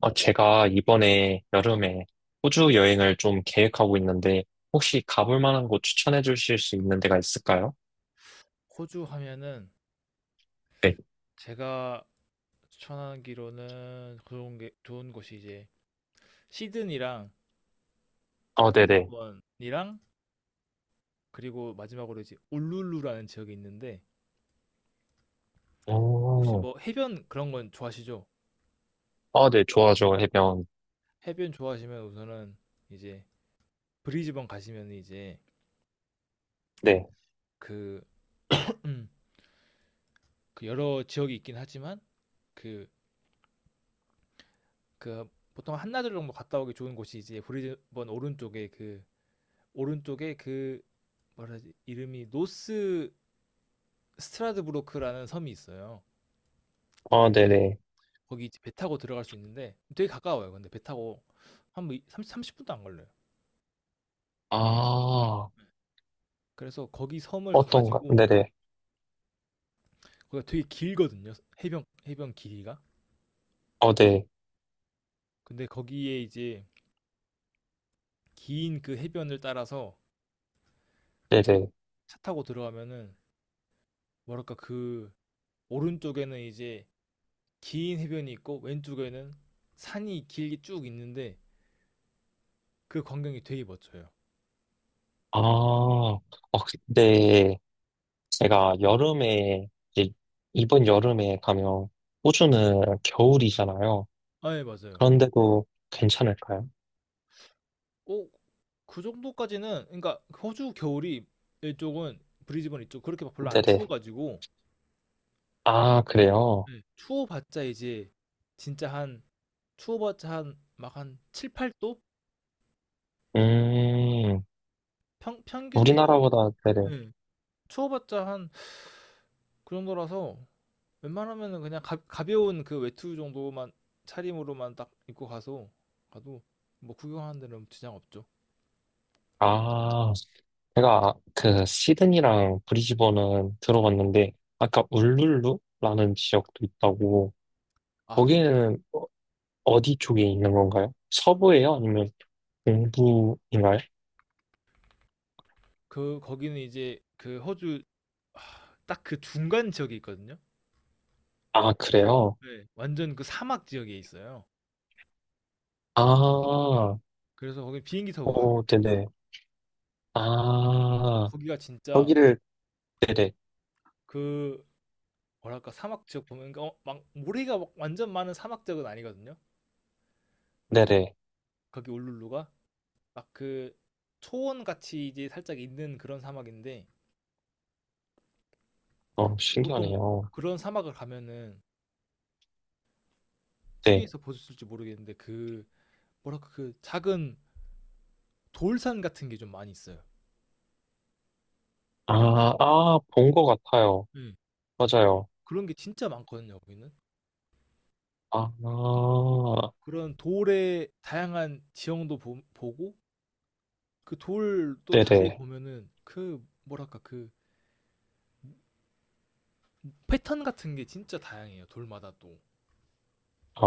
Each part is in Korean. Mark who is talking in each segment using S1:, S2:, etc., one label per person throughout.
S1: 제가 이번에 여름에 호주 여행을 좀 계획하고 있는데, 혹시 가볼 만한 곳 추천해 주실 수 있는 데가 있을까요?
S2: 호주 하면은
S1: 네.
S2: 제가 추천하기로는 좋은 곳이 시드니랑
S1: 네네.
S2: 브리즈번이랑 그리고 마지막으로 울룰루라는 지역이 있는데 혹시
S1: 오,
S2: 뭐 해변 그런 건 좋아하시죠?
S1: 아, 네, 좋아하죠, 해변.
S2: 해변 좋아하시면 우선은 이제 브리즈번 가시면
S1: 네.
S2: 그, 음, 여러 지역이 있긴 하지만 그, 그 보통 한나절 정도 갔다 오기 좋은 곳이 이제 브리즈번 오른쪽에 그 뭐라 하지 이름이 노스 스트라드부르크라는 섬이 있어요.
S1: 네네.
S2: 거기 이제 배 타고 들어갈 수 있는데 되게 가까워요. 근데 배 타고 한뭐 30, 분도 안 걸려요.
S1: 아,
S2: 그래서 거기 섬을
S1: 어떤가?
S2: 가가지고
S1: 네네.
S2: 거기가 되게 길거든요. 해변 길이가.
S1: 네.
S2: 근데 거기에 이제 긴 그 해변을 따라서
S1: 네네.
S2: 차 타고 들어가면은 뭐랄까 그 오른쪽에는 이제 긴 해변이 있고 왼쪽에는 산이 길게 쭉 있는데 그 광경이 되게 멋져요.
S1: 아, 어, 근데 제가 여름에, 이제 이번 여름에 가면 호주는 겨울이잖아요.
S2: 아, 예, 맞아요.
S1: 그런데도 괜찮을까요?
S2: 어, 그 정도까지는 그러니까 호주 겨울이 이쪽은 브리즈번 이쪽 그렇게 막 별로 안
S1: 네네.
S2: 추워가지고.
S1: 아, 그래요?
S2: 네. 추워봤자 이제 진짜 한 추워봤자 한 막 한 7, 8도?
S1: 음,
S2: 평균 기온은
S1: 우리나라보다, 네네.
S2: 네. 추워봤자 한 그 정도라서 웬만하면은 그냥 가벼운 그 외투 정도만 차림으로만 딱 입고 가서 가도 뭐 구경하는 데는 지장 없죠.
S1: 아, 제가 그 시드니랑 브리즈번은 들어봤는데, 아까 울룰루라는 지역도 있다고,
S2: 아, 거기는
S1: 거기는
S2: 네.
S1: 어디 쪽에 있는 건가요? 서부예요? 아니면 동부인가요?
S2: 거기는 이제 그 호주 딱 그 중간 지역이 있거든요.
S1: 아, 그래요?
S2: 네. 완전 그 사막 지역에 있어요.
S1: 아,
S2: 그래서 거기 비행기 타고 가야 돼요.
S1: 오, 네네.
S2: 근데
S1: 아,
S2: 거기가 진짜
S1: 여기를, 네네,
S2: 그 뭐랄까 사막 지역 보면 그러니까 막 모래가 막 완전 많은 사막 지역은 아니거든요.
S1: 네네.
S2: 거기 울룰루가 막 그 초원 같이 이제 살짝 있는 그런 사막인데 보통
S1: 신기하네요.
S2: 그런 사막을 가면은
S1: 네.
S2: TV에서 보셨을지 모르겠는데 그 뭐랄까 그 작은 돌산 같은 게 좀 많이 있어요.
S1: 아, 아, 본 것 같아요.
S2: 네.
S1: 맞아요.
S2: 그런 게 진짜 많거든요, 거기는.
S1: 아,
S2: 그런 돌의 다양한 지형도 보고 그 돌 또 자세히
S1: 네네.
S2: 보면은 그 뭐랄까 그 패턴 같은 게 진짜 다양해요. 돌마다 또.
S1: 아,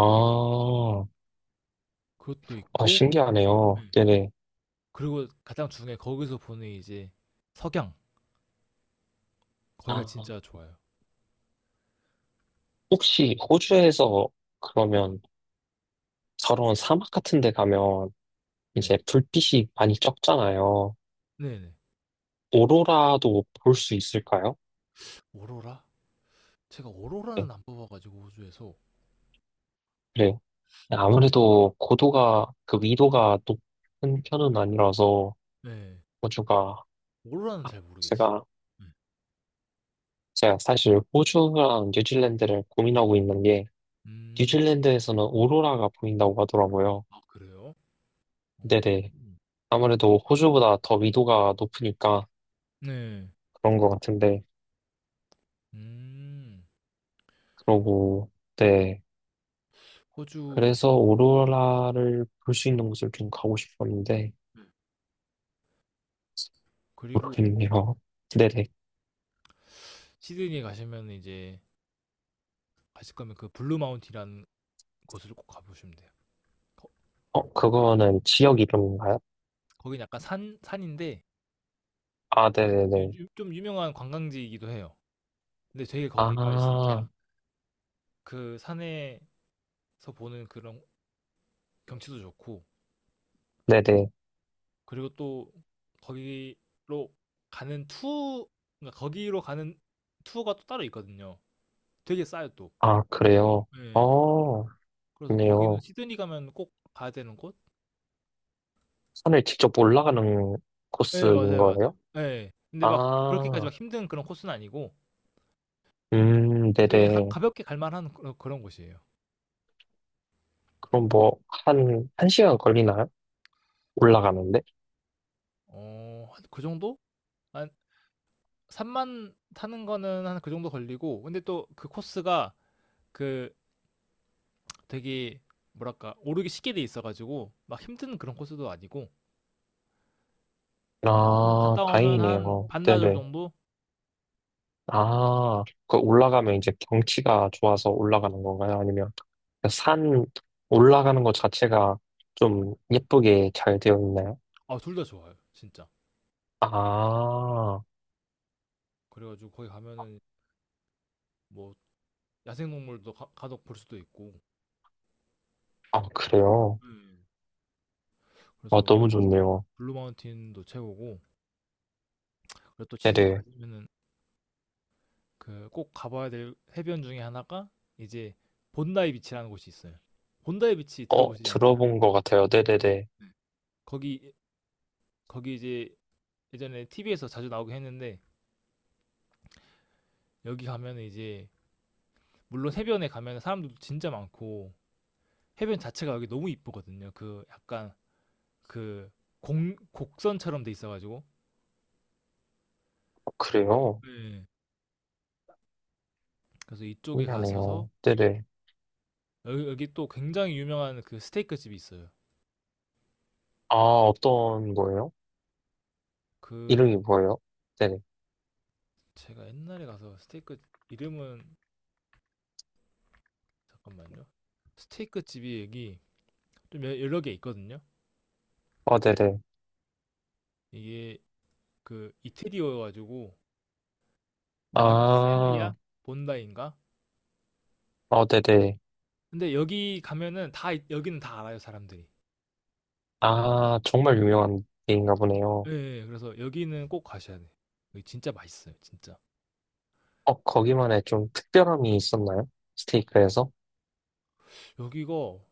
S2: 그것도
S1: 아,
S2: 있고.
S1: 신기하네요.
S2: 네.
S1: 네네.
S2: 그리고 가장 중요해 거기서 보는 이제 석양. 거기가
S1: 아,
S2: 진짜 좋아요.
S1: 혹시 호주에서 그러면 서러운 사막 같은 데 가면
S2: 네.
S1: 이제 불빛이 많이 적잖아요.
S2: 네 네.
S1: 오로라도 볼 수 있을까요?
S2: 오로라? 제가
S1: 네,
S2: 오로라는 안 뽑아가지고 호주에서.
S1: 그래요. 아무래도 고도가, 그 위도가 높은 편은 아니라서
S2: 네. 네.
S1: 호주가,
S2: 오로라는
S1: 아,
S2: 잘 모르겠어요.
S1: 제가,
S2: 음.
S1: 제가 사실 호주랑 뉴질랜드를 고민하고 있는 게
S2: 음.
S1: 뉴질랜드에서는 오로라가 보인다고 하더라고요.
S2: 아 그래요? 어.
S1: 네네. 아무래도 호주보다 더 위도가 높으니까
S2: 네.
S1: 그런 것 같은데,
S2: 음.
S1: 그러고, 네.
S2: 호주
S1: 그래서 오로라를 볼 수 있는 곳을 좀 가고 싶었는데,
S2: 그리고
S1: 모르겠네요. 네네.
S2: 시드니 가시면 이제 가실 거면 그 블루 마운틴이라는 곳을 꼭 가보시면 돼요. 거,
S1: 그거는 지역 이름인가요?
S2: 거긴 약간 산 산인데
S1: 아, 네네네.
S2: 좀 유명한 관광지이기도 해요. 근데 되게 거기가
S1: 아,
S2: 진짜 그 산에서 보는 그런 경치도 좋고
S1: 네네.
S2: 그리고 또 거기로 가는 투 거기로 가는 투어가 또 따로 있거든요. 되게 싸요 또.
S1: 아, 그래요?
S2: 예.
S1: 어,
S2: 그래서 거기는
S1: 좋네요.
S2: 시드니 가면 꼭 가야 되는 곳?
S1: 산을 직접 올라가는
S2: 예,
S1: 코스인
S2: 맞아요,
S1: 거예요?
S2: 맞아요. 예. 근데 막 그렇게까지
S1: 아,
S2: 막 힘든 그런 코스는 아니고 되게
S1: 네네.
S2: 볍게 갈만한 그런 곳이에요.
S1: 그럼 뭐, 한 시간 걸리나요? 올라가는데?
S2: 어, 한그 정도? 한 산만 타는 거는 한 그 정도 걸리고 근데 또 그 코스가 그 되게 뭐랄까 오르기 쉽게 돼 있어 가지고 막 힘든 그런 코스도 아니고 좀
S1: 아,
S2: 갔다 오면
S1: 다행이네요.
S2: 한 반나절
S1: 네네.
S2: 정도?
S1: 아, 그 올라가면 이제 경치가 좋아서 올라가는 건가요? 아니면 그산 올라가는 것 자체가 좀 예쁘게 잘 되어 있나요?
S2: 아 둘 다 좋아요. 진짜.
S1: 아,
S2: 그래 가지고 거기 가면은 뭐 야생동물도 득볼 수도 있고.
S1: 아, 그래요?
S2: 음.
S1: 아,
S2: 그래서
S1: 너무 좋네요.
S2: 블루마운틴도 최고고 그리고 또 시드니
S1: 네네.
S2: 가시면은 그 꼭 가봐야 될 해변 중에 하나가 이제 본다이 비치라는 곳이 있어요. 본다이 비치 들어보시지 않았어요?
S1: 들어본 것 같아요. 네네네.
S2: 거기 거기 이제 예전에 TV에서 자주 나오긴 했는데 여기 가면은 이제 물론 해변에 가면 사람들도 진짜 많고 해변 자체가 여기 너무 이쁘거든요. 그 약간 그 곡선처럼 돼 있어가지고.
S1: 어, 그래요?
S2: 네. 그래서 이쪽에 가셔서
S1: 신기하네요. 네네.
S2: 여기 또 굉장히 유명한 그 스테이크 집이 있어요.
S1: 아, 어떤 거예요?
S2: 그
S1: 이름이 뭐예요? 네네.
S2: 제가 옛날에 가서 스테이크 이름은 잠깐만요. 스테이크 집이 여기 좀 여러 개 있거든요.
S1: 네네.
S2: 이게 그 이태리어여가지고
S1: 아,
S2: 마르셀리아 본다인가.
S1: 네네.
S2: 근데 여기 가면은 다 여기는 다 알아요, 사람들이.
S1: 아, 정말 유명한 게인가
S2: 예,
S1: 보네요.
S2: 예, 예. 그래서 여기는 꼭 가셔야 돼. 여기 진짜 맛있어요, 진짜.
S1: 거기만의 좀 특별함이 있었나요? 스테이크에서?
S2: 여기가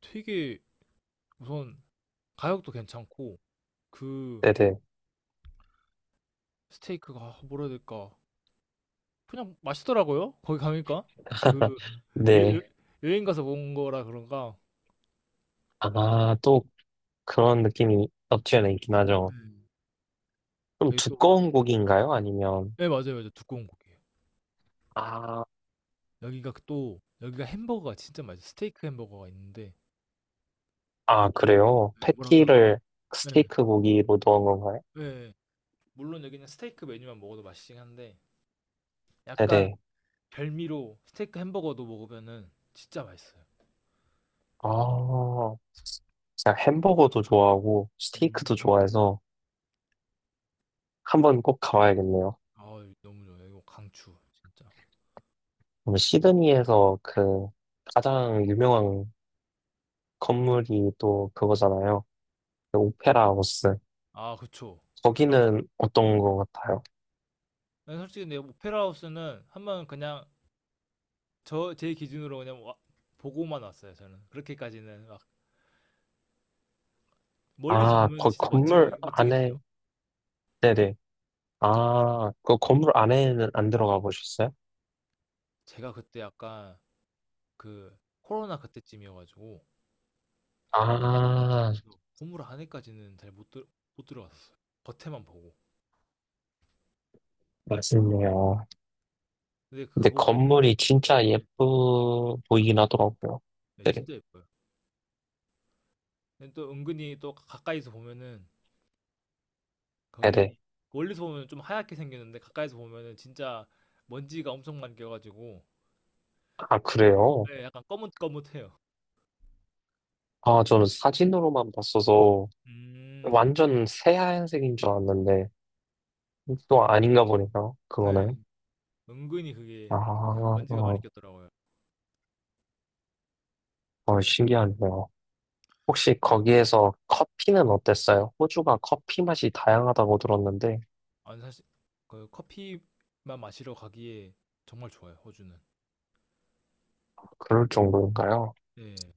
S2: 되게 우선 가격도 괜찮고 그
S1: 네네.
S2: 스테이크가 아, 뭐라 해야 될까? 그냥 맛있더라고요. 거기 가니까 그 예,
S1: 네.
S2: 행 가서 먹은 거라 그런가.
S1: 아, 또 그런 느낌이 없지 않아 있긴 하죠.
S2: 음.
S1: 좀
S2: 여기 또
S1: 두꺼운 고기인가요? 아니면,
S2: 네, 맞아요, 맞아요. 두꺼운 고기예요.
S1: 아,
S2: 여기가 그 또 여기가 햄버거가 진짜 맛있어요. 스테이크 햄버거가 있는데
S1: 아, 그래요?
S2: 네, 뭐랄까
S1: 패티를
S2: 네,
S1: 스테이크 고기로 넣은 건가요?
S2: 네 물론 여기는 스테이크 메뉴만 먹어도 맛있긴 한데 약간
S1: 네네.
S2: 별미로 스테이크 햄버거도 먹으면은 진짜 맛있어요.
S1: 아, 제가 햄버거도 좋아하고 스테이크도
S2: 음.
S1: 좋아해서 한 번 꼭 가봐야겠네요.
S2: 아 너무 좋아요. 이거 강추 진짜.
S1: 그럼 시드니에서 그 가장 유명한 건물이 또 그거잖아요. 그 오페라 하우스.
S2: 아 그쵸. 오페라 하우스.
S1: 거기는 어떤 것 같아요?
S2: 난 솔직히 근데 오페라 하우스는 한 번 그냥 저 제 기준으로 그냥 보고만 왔어요. 저는 그렇게까지는 막 멀리서 보면은 진짜 멋지고
S1: 건물
S2: 멋지긴
S1: 안에,
S2: 해요.
S1: 네네. 아, 그 건물 안에는 안 들어가 보셨어요?
S2: 제가 그때 약간 그 코로나 그때쯤이어가지고
S1: 아,
S2: 그래서 건물 안에까지는 잘 못 들어 못 들어갔었어요. 겉에만 보고.
S1: 맞네요.
S2: 근데
S1: 근데
S2: 가보면은
S1: 건물이 진짜 예쁘 보이긴 하더라고요.
S2: 네,
S1: 네네.
S2: 진짜 예뻐요. 또 은근히 또 가까이서 보면은
S1: 네네.
S2: 거기 멀리서 보면 좀 하얗게 생겼는데 가까이서 보면은 진짜 먼지가 엄청 많이 껴가지고
S1: 아, 그래요?
S2: 네, 약간 거뭇거뭇해요.
S1: 아, 저는 사진으로만 봤어서
S2: 음,
S1: 완전 새하얀색인 줄 알았는데 또 아닌가 보네요. 그거는.
S2: 네. 은근히 그게
S1: 아,
S2: 먼지가 많이
S1: 어,
S2: 꼈더라고요.
S1: 어, 신기하네요. 혹시 거기에서 커피는 어땠어요? 호주가 커피 맛이 다양하다고 들었는데,
S2: 아니 사실 그 커피만 마시러 가기에 정말 좋아요, 호주는.
S1: 그럴 정도인가요?
S2: 네.